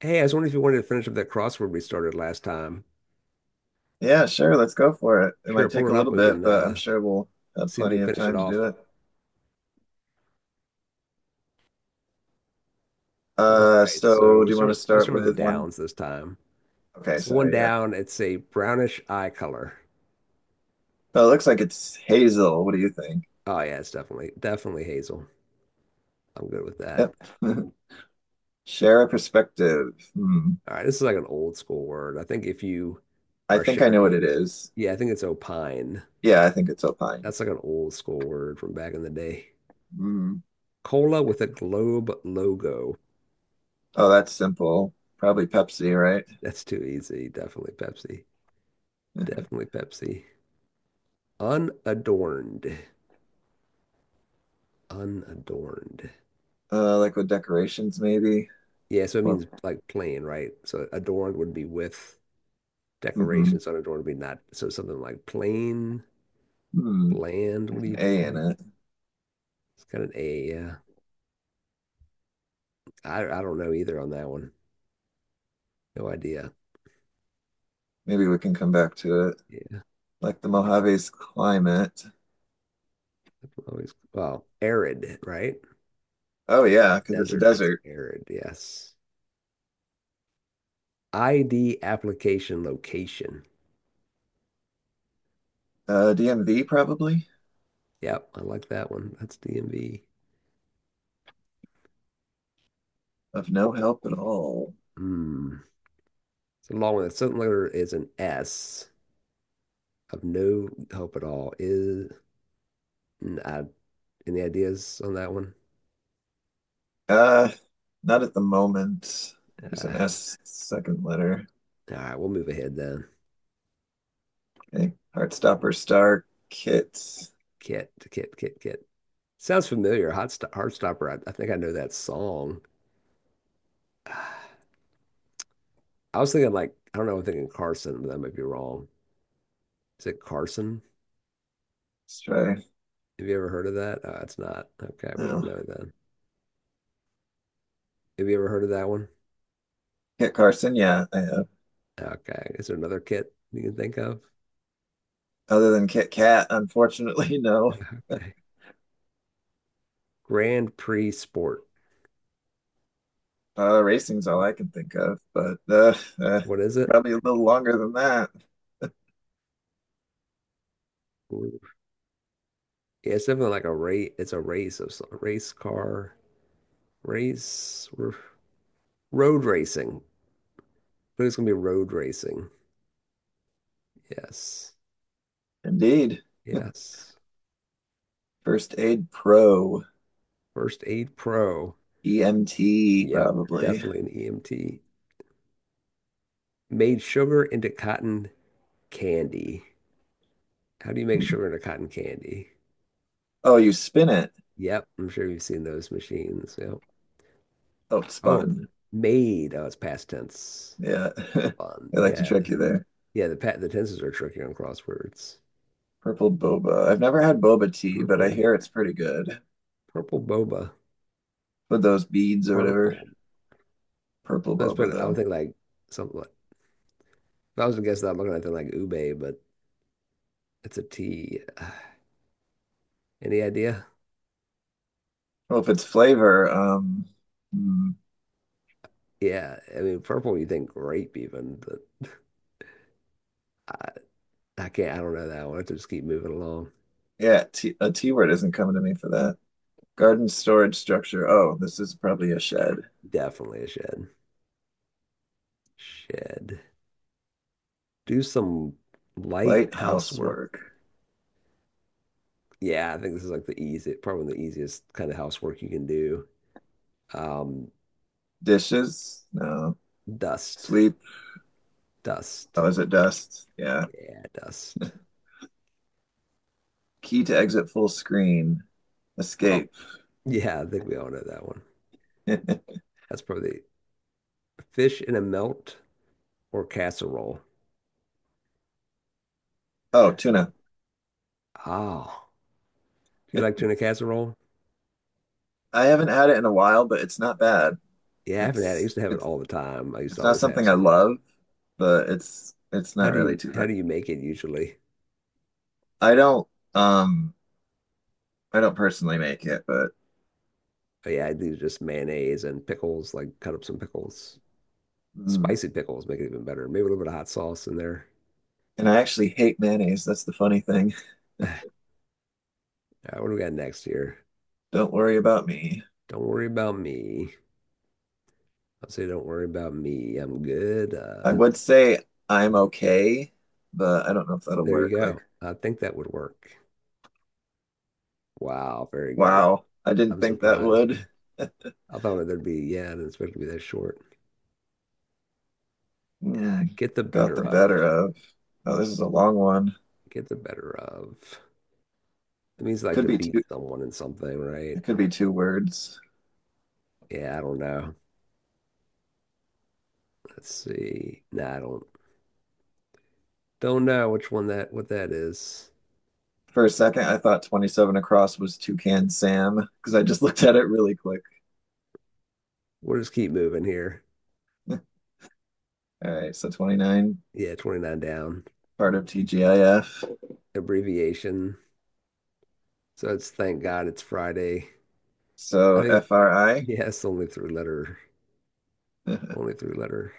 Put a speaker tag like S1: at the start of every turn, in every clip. S1: Hey, I was wondering if you wanted to finish up that crossword we started last time.
S2: Yeah, sure. Let's go for it. It
S1: Sure,
S2: might
S1: pull
S2: take
S1: it
S2: a
S1: up.
S2: little
S1: We
S2: bit,
S1: can
S2: but I'm sure we'll have
S1: see if we
S2: plenty
S1: can
S2: of
S1: finish it
S2: time to
S1: off.
S2: do it.
S1: All
S2: Uh,
S1: right. So
S2: so
S1: we'll
S2: do you
S1: start
S2: want to
S1: with we'll
S2: start
S1: start with the
S2: with one?
S1: downs this time.
S2: Okay,
S1: So one
S2: sorry. Yeah.
S1: down. It's a brownish eye color.
S2: Oh, it looks like it's Hazel. What do you think?
S1: Oh yeah, it's definitely hazel. I'm good with that.
S2: Yep. Share a perspective. Hmm.
S1: All right. This is like an old school word. I think if you
S2: I
S1: are
S2: think I
S1: sharing
S2: know what
S1: like
S2: it is.
S1: yeah, I think it's opine.
S2: Yeah, I think it's Alpine.
S1: That's like an old school word from back in the day.
S2: Hmm.
S1: Cola with a globe logo.
S2: Oh, that's simple. Probably Pepsi, right?
S1: That's too easy. Definitely Pepsi. Definitely Pepsi. Unadorned. Unadorned.
S2: Like with decorations, maybe.
S1: Yeah, so it
S2: Or
S1: means like plain, right? So adorned would be with
S2: Mhm.
S1: decorations. Unadorned would be not. So something like plain,
S2: Hmm.
S1: bland. What do
S2: An
S1: you,
S2: A
S1: what do
S2: in
S1: you,
S2: it.
S1: it's got an A. Yeah. I don't know either on that one. No idea.
S2: Maybe we can come back to it.
S1: Yeah.
S2: Like the Mojave's climate.
S1: Always, well, arid, right?
S2: Oh yeah, because it's a
S1: Desert. It's
S2: desert.
S1: arid. Yes. ID application location.
S2: DMV probably.
S1: Yep. I like that one. That's DMV.
S2: Of no help at all.
S1: Hmm. It's a long one. The second letter is an S. Of no help at all. Is I any ideas on that one?
S2: Uh, Not at the moment. There's
S1: Uh,
S2: an S second letter.
S1: all right, we'll move ahead then.
S2: Okay, Heartstopper Star Kit. Let's
S1: Kit. Sounds familiar. Heartstopper. I think I know that song. I was thinking like I don't know. I'm thinking Carson, but that might be wrong. Is it Carson?
S2: try.
S1: Have you ever heard of that? It's not. Okay, we don't
S2: No.
S1: know then. Have you ever heard of that one?
S2: Kit Carson, yeah, I have.
S1: Okay. Is there another kit you can think of?
S2: Other than Kit Kat, unfortunately, no.
S1: Okay. Grand Prix Sport.
S2: Racing's all I can think of, but
S1: What is
S2: it's
S1: it?
S2: probably a little longer than that.
S1: Yeah, it's definitely like a race. It's a race of some race car race r road racing. But it's gonna be road racing. Yes,
S2: Indeed.
S1: yes.
S2: First Aid Pro,
S1: First aid pro.
S2: EMT,
S1: Yep,
S2: probably.
S1: definitely an EMT. Made sugar into cotton candy. How do you make sugar into cotton candy?
S2: Oh, you spin it.
S1: Yep, I'm sure you've seen those machines. Yep.
S2: Outspun.
S1: Oh, made. Oh, it's past tense.
S2: Yeah.
S1: Fun.
S2: They like to trick you there.
S1: Yeah. The pa the tenses are tricky on crosswords.
S2: Purple boba. I've never had boba tea, but I
S1: Purple,
S2: hear it's pretty good
S1: purple boba.
S2: with those beads or whatever.
S1: Purple.
S2: Purple
S1: That's
S2: boba
S1: pretty, I would
S2: though.
S1: think like something like, if I was to guess that, I'm looking at something like ube, but it's a T. Any idea?
S2: Well, if it's flavor, hmm,
S1: Yeah. I mean, purple, you think grape even, but I, I can't, I don't know that one. I have to just keep moving along.
S2: yeah, t a T word isn't coming to me for that. Garden storage structure. Oh, this is probably a shed.
S1: Definitely a shed. Shed. Do some light
S2: Light housework.
S1: housework. Yeah, I think this is like the easy, probably the easiest kind of housework you can do. Um,
S2: Dishes? No.
S1: dust.
S2: Sweep.
S1: Dust.
S2: Oh, is it dust? Yeah.
S1: Yeah, dust.
S2: Key to exit full screen.
S1: Well,
S2: Escape.
S1: yeah, I think we all know that one. That's probably fish in a melt or casserole?
S2: Oh, tuna.
S1: Oh, do you like tuna casserole?
S2: I haven't had it in a while, but it's not bad.
S1: Yeah, I haven't had it. I
S2: It's
S1: used to have it
S2: it's
S1: all the time. I used to
S2: it's not
S1: always have
S2: something I
S1: some.
S2: love, but it's
S1: How
S2: not
S1: do
S2: really
S1: you
S2: too
S1: how
S2: bad.
S1: do you make it usually?
S2: I don't um I don't personally make it, but
S1: Oh, yeah, I do just mayonnaise and pickles, like cut up some pickles.
S2: mm.
S1: Spicy pickles make it even better. Maybe a little bit of hot sauce in there.
S2: And I actually hate mayonnaise. That's the funny thing.
S1: All right, what do we got next here?
S2: Don't worry about me.
S1: Don't worry about me. I'll say don't worry about me. I'm good.
S2: I would say I'm okay, but I don't know if that'll
S1: There you
S2: work. Like,
S1: go. I think that would work. Wow, very good.
S2: wow, I didn't
S1: I'm
S2: think that
S1: surprised.
S2: would.
S1: I thought there would be, yeah, I didn't expect it to be that short.
S2: Mm,
S1: Get the
S2: got
S1: better
S2: the
S1: of.
S2: better of. Oh, this is a long one.
S1: Get the better of. It means like
S2: Could
S1: to
S2: be
S1: beat
S2: two,
S1: someone in something, right?
S2: it could be two words.
S1: Yeah, I don't know. Let's see. Nah, I don't know which one that what that is.
S2: For a second, I thought 27 across was Toucan Sam because I just looked at it really quick.
S1: We'll just keep moving here.
S2: All right, so 29,
S1: Yeah, 29 down.
S2: part of TGIF.
S1: Abbreviation. So it's thank God it's Friday. I
S2: So
S1: think
S2: FRI,
S1: yeah, it's only three letter. Only three letter.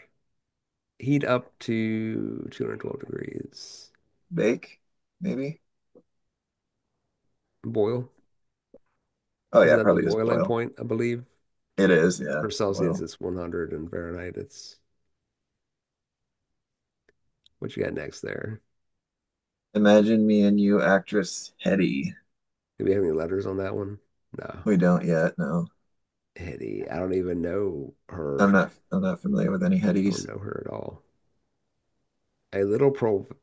S1: Heat up to 212 degrees.
S2: bake, maybe?
S1: Boil.
S2: Oh,
S1: Isn't
S2: yeah,
S1: that the
S2: probably is
S1: boiling
S2: boil.
S1: point, I believe?
S2: It is, yeah,
S1: For Celsius
S2: boil.
S1: it's 100 and Fahrenheit it's what you got next there?
S2: Imagine me and you, actress Hetty.
S1: Do we have any letters on that one? No.
S2: We don't yet, no.
S1: Hetty, I don't even know her.
S2: I'm not I'm not familiar with any
S1: I don't
S2: Hettys.
S1: know her at all. A little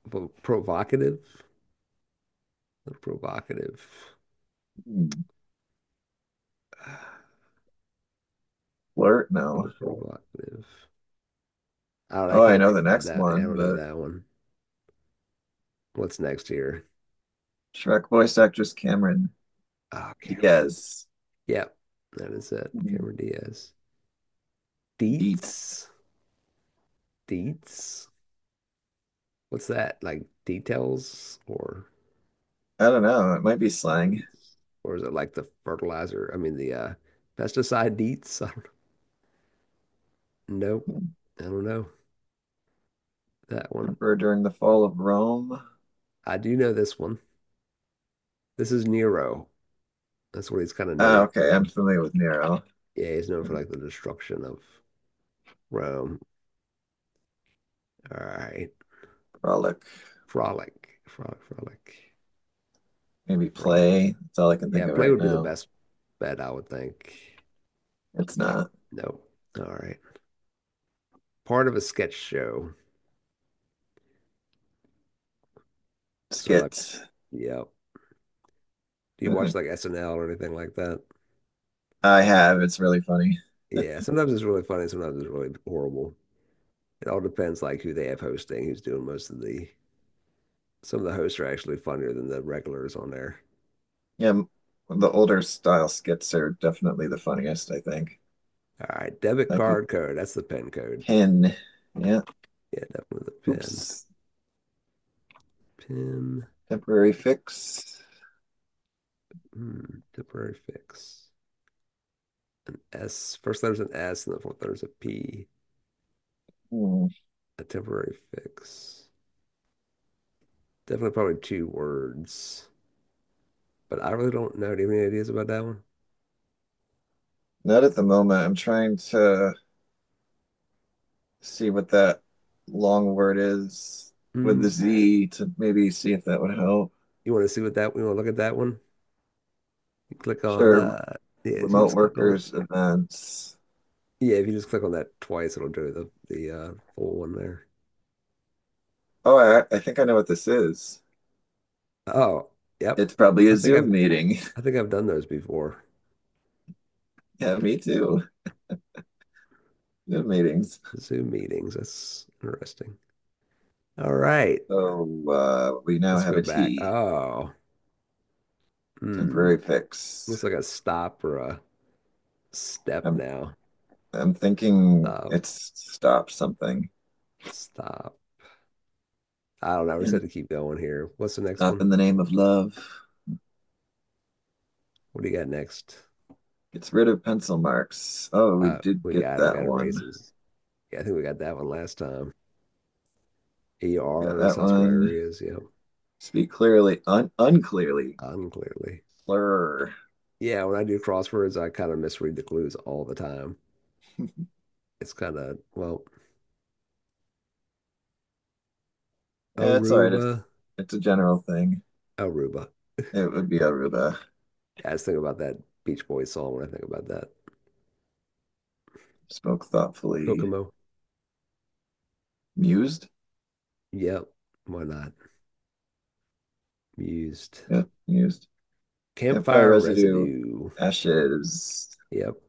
S1: provocative. A little provocative.
S2: Hmm,
S1: A
S2: flirt, no.
S1: little provocative. I don't know, I
S2: Oh, I
S1: can't
S2: know
S1: think
S2: the
S1: about
S2: next
S1: that. I
S2: one,
S1: don't know
S2: but
S1: that one. What's next here?
S2: Shrek voice actress Cameron
S1: Oh, Cameron.
S2: Diaz.
S1: Yep, that is it. Cameron Diaz.
S2: Dietz.
S1: Deets. Deets. What's that? Like details or
S2: I don't know. It might be slang.
S1: deets. Or is it like the fertilizer? I mean, the pesticide Deets? I don't know. Nope. I don't know that one.
S2: Emperor during the fall of Rome.
S1: I do know this one. This is Nero. That's what he's kind of
S2: Ah,
S1: known
S2: okay.
S1: for.
S2: I'm familiar with Nero.
S1: Yeah, he's known for like the destruction of Rome. All right.
S2: Frolic.
S1: Frolic. Frolic, frolic,
S2: Maybe
S1: frolic.
S2: play. That's all I can think
S1: Yeah,
S2: of
S1: play
S2: right
S1: would be the
S2: now.
S1: best bet, I would think.
S2: It's
S1: Oh,
S2: not.
S1: no. All right. Part of a sketch show. So like,
S2: Skit.
S1: yeah. Do you watch
S2: I
S1: like SNL or anything like that?
S2: have. It's really funny.
S1: Yeah, sometimes it's really funny, sometimes it's really horrible. It all depends like who they have hosting, who's doing most of the some of the hosts are actually funnier than the regulars on there.
S2: Yeah, the older style skits are definitely the funniest, I think.
S1: All right, debit
S2: Like with
S1: card code. That's the PIN code.
S2: Pin. Yeah.
S1: Yeah, definitely the PIN.
S2: Oops.
S1: PIN.
S2: Temporary fix.
S1: Hmm, temporary fix. S. First letter's an S and the fourth letter's a P.
S2: Hmm.
S1: A temporary fix. Definitely probably two words. But I really don't know. Do you have any ideas about that one?
S2: Not at the moment. I'm trying to see what that long word is with the
S1: Hmm.
S2: Z to maybe see if that would help.
S1: You want to look at that one? You click on
S2: Sure.
S1: yeah, you can
S2: Remote
S1: just click on it.
S2: workers events.
S1: Yeah, if you just click on that twice, it'll do the full one there.
S2: Oh, I think I know what this is.
S1: Oh, yep.
S2: It's probably
S1: I
S2: a
S1: think
S2: Zoom
S1: I've
S2: meeting.
S1: I think I've done those before.
S2: Yeah, me too. Zoom meetings.
S1: Zoom meetings. That's interesting. All right,
S2: So we now
S1: let's
S2: have
S1: go
S2: a
S1: back.
S2: T,
S1: Oh, hmm.
S2: temporary
S1: Looks
S2: fix.
S1: like a stop or a step
S2: I'm
S1: now.
S2: I'm thinking
S1: Stop,
S2: it's stop something,
S1: stop. I don't know. We're just have
S2: and
S1: to keep going here. What's the next
S2: stop
S1: one?
S2: in the name of love.
S1: What do you got next?
S2: Gets rid of pencil marks. Oh, we did
S1: We
S2: get
S1: got it. We
S2: that
S1: got
S2: one.
S1: erases. Yeah, I think we got that one last time.
S2: We got
S1: ERs,
S2: that
S1: hospital
S2: one.
S1: areas. Yep.
S2: Speak clearly, un unclearly.
S1: Unclearly.
S2: Slur.
S1: Yeah, when I do crosswords, I kind of misread the clues all the time. It's kind of, well,
S2: Yeah, it's all right. It's
S1: Aruba,
S2: it's a general thing.
S1: Aruba.
S2: It would be Aruba.
S1: Yeah, I just think about that Beach Boys song when I think about that.
S2: Smoke thoughtfully.
S1: Kokomo.
S2: Mused.
S1: Yep. Why not? Used
S2: Yep, mused. Campfire
S1: campfire
S2: residue,
S1: residue.
S2: ashes.
S1: Yep.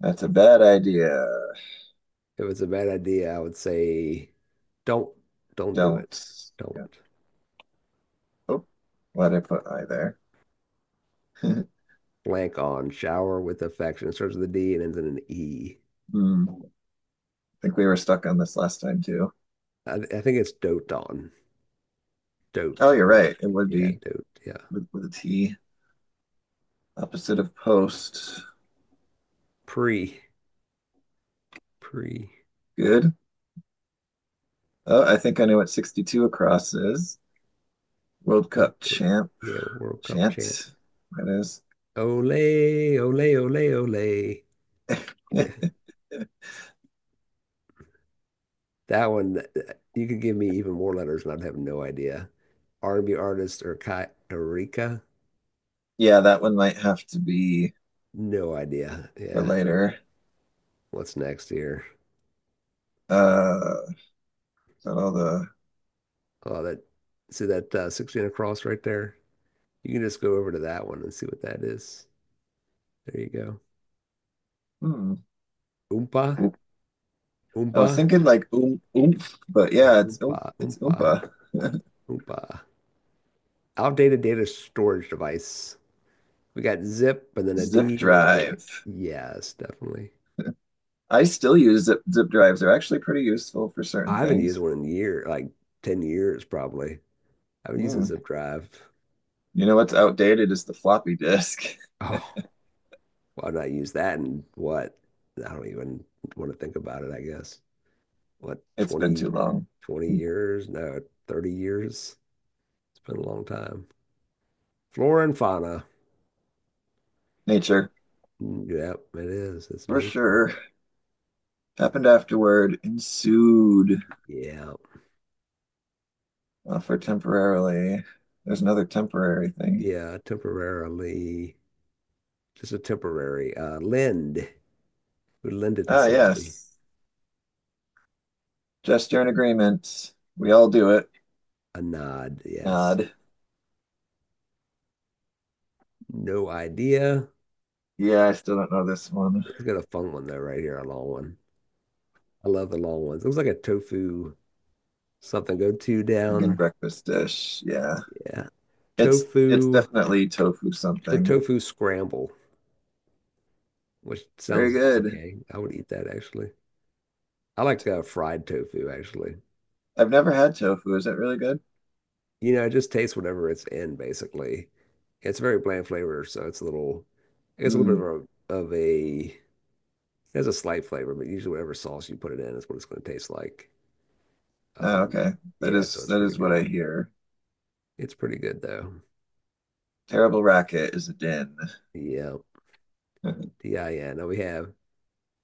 S2: That's a bad idea.
S1: If it's a bad idea, I would say don't, don't do it.
S2: Don't. Yeah.
S1: Don't.
S2: Oh, why did I put I there?
S1: Blank on shower with affection. It starts with a D and ends in an E.
S2: Hmm. I think we were stuck on this last time too.
S1: I think it's dote on.
S2: Oh,
S1: Dote.
S2: you're
S1: Yep.
S2: right. It would
S1: Yeah,
S2: be
S1: dote. Yeah.
S2: with a T. Opposite of post.
S1: Pre. Pre.
S2: Good. Oh, I think I know what 62 across is. World
S1: Of
S2: Cup
S1: course. Yeah, World Cup chant.
S2: chant, that is.
S1: Ole, ole, ole, ole. Yeah, that one. You could give me even more letters, and I'd have no idea. R&B artist or Kai Erika?
S2: Yeah, that one might have to be
S1: No idea.
S2: for
S1: Yeah.
S2: later.
S1: What's next here?
S2: Uh, is that all the?
S1: Oh, that. See that 16 across right there? You can just go over to that one and see what that is. There you go.
S2: Hmm.
S1: Oompa,
S2: I
S1: oompa.
S2: was thinking like oomph, but
S1: Yeah,
S2: yeah,
S1: oompa,
S2: it's
S1: oompa,
S2: oompa.
S1: oompa. Outdated data storage device. We got zip and then a
S2: Zip
S1: D and then a blank.
S2: drive.
S1: Yes, definitely.
S2: I still use zip drives. They're actually pretty useful for certain
S1: I haven't used
S2: things.
S1: one in year, like 10 years probably. I haven't used a
S2: Hmm.
S1: zip drive.
S2: You know what's outdated is the floppy disk.
S1: Oh, why not use that and what? I don't even want to think about it, I guess. What,
S2: It's been
S1: twenty,
S2: too long.
S1: 20 years? No, 30 years. It's been a long time. Flora and fauna.
S2: Nature,
S1: Mm, yep, it is. It's
S2: for
S1: nature.
S2: sure. Happened afterward. Ensued.
S1: Yeah.
S2: Well, for temporarily, there's another temporary thing.
S1: Yeah, temporarily. Just a temporary lend. We lend it to
S2: Ah,
S1: somebody.
S2: yes. Gesture and agreement. We all do it.
S1: A nod, yes.
S2: Nod.
S1: No idea.
S2: Yeah, I still don't know this one.
S1: Let's get a fun one though, right here, a long one. I love the long ones. It looks like a tofu something. Go two
S2: Vegan
S1: down.
S2: breakfast dish. Yeah.
S1: Yeah.
S2: It's
S1: Tofu.
S2: definitely tofu
S1: It's a
S2: something.
S1: tofu scramble, which
S2: Very
S1: sounds
S2: good.
S1: okay. I would eat that actually. I like fried tofu actually.
S2: I've never had tofu. Is it really good?
S1: You know, it just tastes whatever it's in basically. It's very bland flavor, so it's a little, I guess a little bit
S2: Hmm.
S1: of a, of a, it has a slight flavor, but usually whatever sauce you put it in is what it's going to taste like.
S2: Ah,
S1: Um,
S2: okay. That
S1: yeah, so
S2: is
S1: it's
S2: that
S1: pretty
S2: is what I
S1: good.
S2: hear.
S1: It's pretty good though.
S2: Terrible racket is a din.
S1: Yeah, DIN. Now we have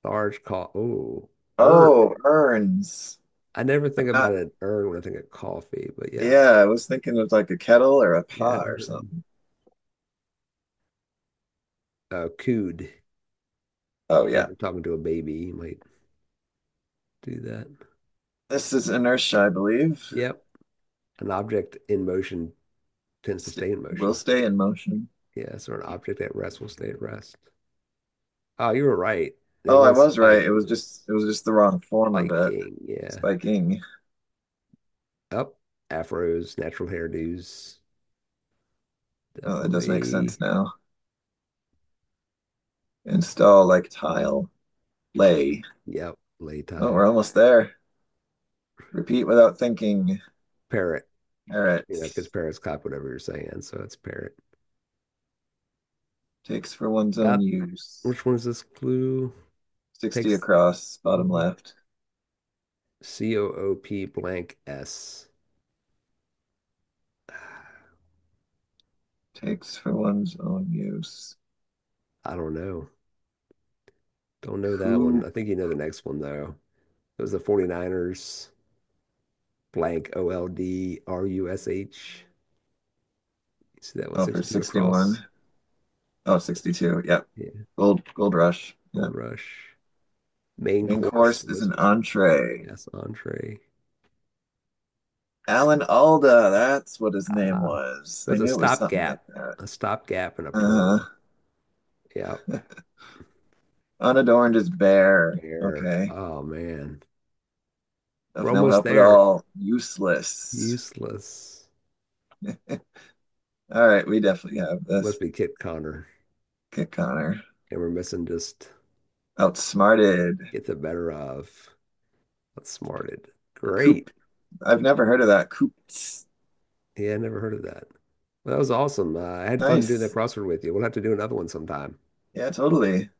S1: large coffee. Oh,
S2: Oh,
S1: urn.
S2: urns.
S1: I never think
S2: I'm not,
S1: about an urn when I think of coffee, but
S2: yeah,
S1: yes,
S2: I was thinking of like a kettle or a
S1: yeah, an
S2: pot or
S1: urn.
S2: something.
S1: Cood.
S2: Oh
S1: Like if
S2: yeah.
S1: you're talking to a baby, you might do that.
S2: This is inertia, I believe.
S1: Yep, an object in motion tends to stay
S2: St
S1: in
S2: Will
S1: motion.
S2: stay in motion.
S1: Yeah, so an object at rest will stay at rest. Oh, you were right. It
S2: Oh, I
S1: was
S2: was right.
S1: spike.
S2: It was
S1: It
S2: just
S1: was
S2: the wrong form of it.
S1: spiking. Yeah.
S2: Spiking.
S1: Up. Afros, natural hairdos.
S2: Oh, that does make sense
S1: Definitely.
S2: now. Install like tile. Lay.
S1: Yep. Lay
S2: Oh,
S1: tile.
S2: we're almost there. Repeat without thinking.
S1: Parrot.
S2: All right.
S1: You know, because parrots cop whatever you're saying. So it's parrot.
S2: Takes for one's
S1: Uh,
S2: own use.
S1: which one is this clue?
S2: 60
S1: Takes
S2: across, bottom left.
S1: COOP blank S.
S2: Takes for one's own use.
S1: I don't know. Don't know that one. I
S2: Coop.
S1: think you know the next one, though. It was the 49ers blank OLD RUSH. You see that one,
S2: Oh, for
S1: 62 across?
S2: 61. Oh,
S1: Yes.
S2: 62. Yep.
S1: Yeah.
S2: Gold rush.
S1: Gold
S2: Yep.
S1: Rush. Main
S2: Main
S1: course.
S2: course is an entree.
S1: Yes, entree.
S2: Alan Alda, that's what his name
S1: Ah,
S2: was.
S1: it
S2: I
S1: was
S2: knew it was something like that.
S1: a stopgap and a
S2: Uh,
S1: perm. Yep.
S2: Unadorned is bare.
S1: There.
S2: Okay.
S1: Oh man. We're
S2: Of no
S1: almost
S2: help at
S1: there.
S2: all. Useless.
S1: Useless.
S2: All right, we definitely have
S1: Must
S2: this.
S1: be Kit Connor.
S2: Kit Connor.
S1: And we're missing just
S2: Outsmarted.
S1: get the better of. That's smarted. Great.
S2: Coop. I've never heard of that. Coop.
S1: Yeah, I never heard of that. Well, that was awesome. I had fun doing that
S2: Nice.
S1: crossword with you. We'll have to do another one sometime.
S2: Yeah, totally.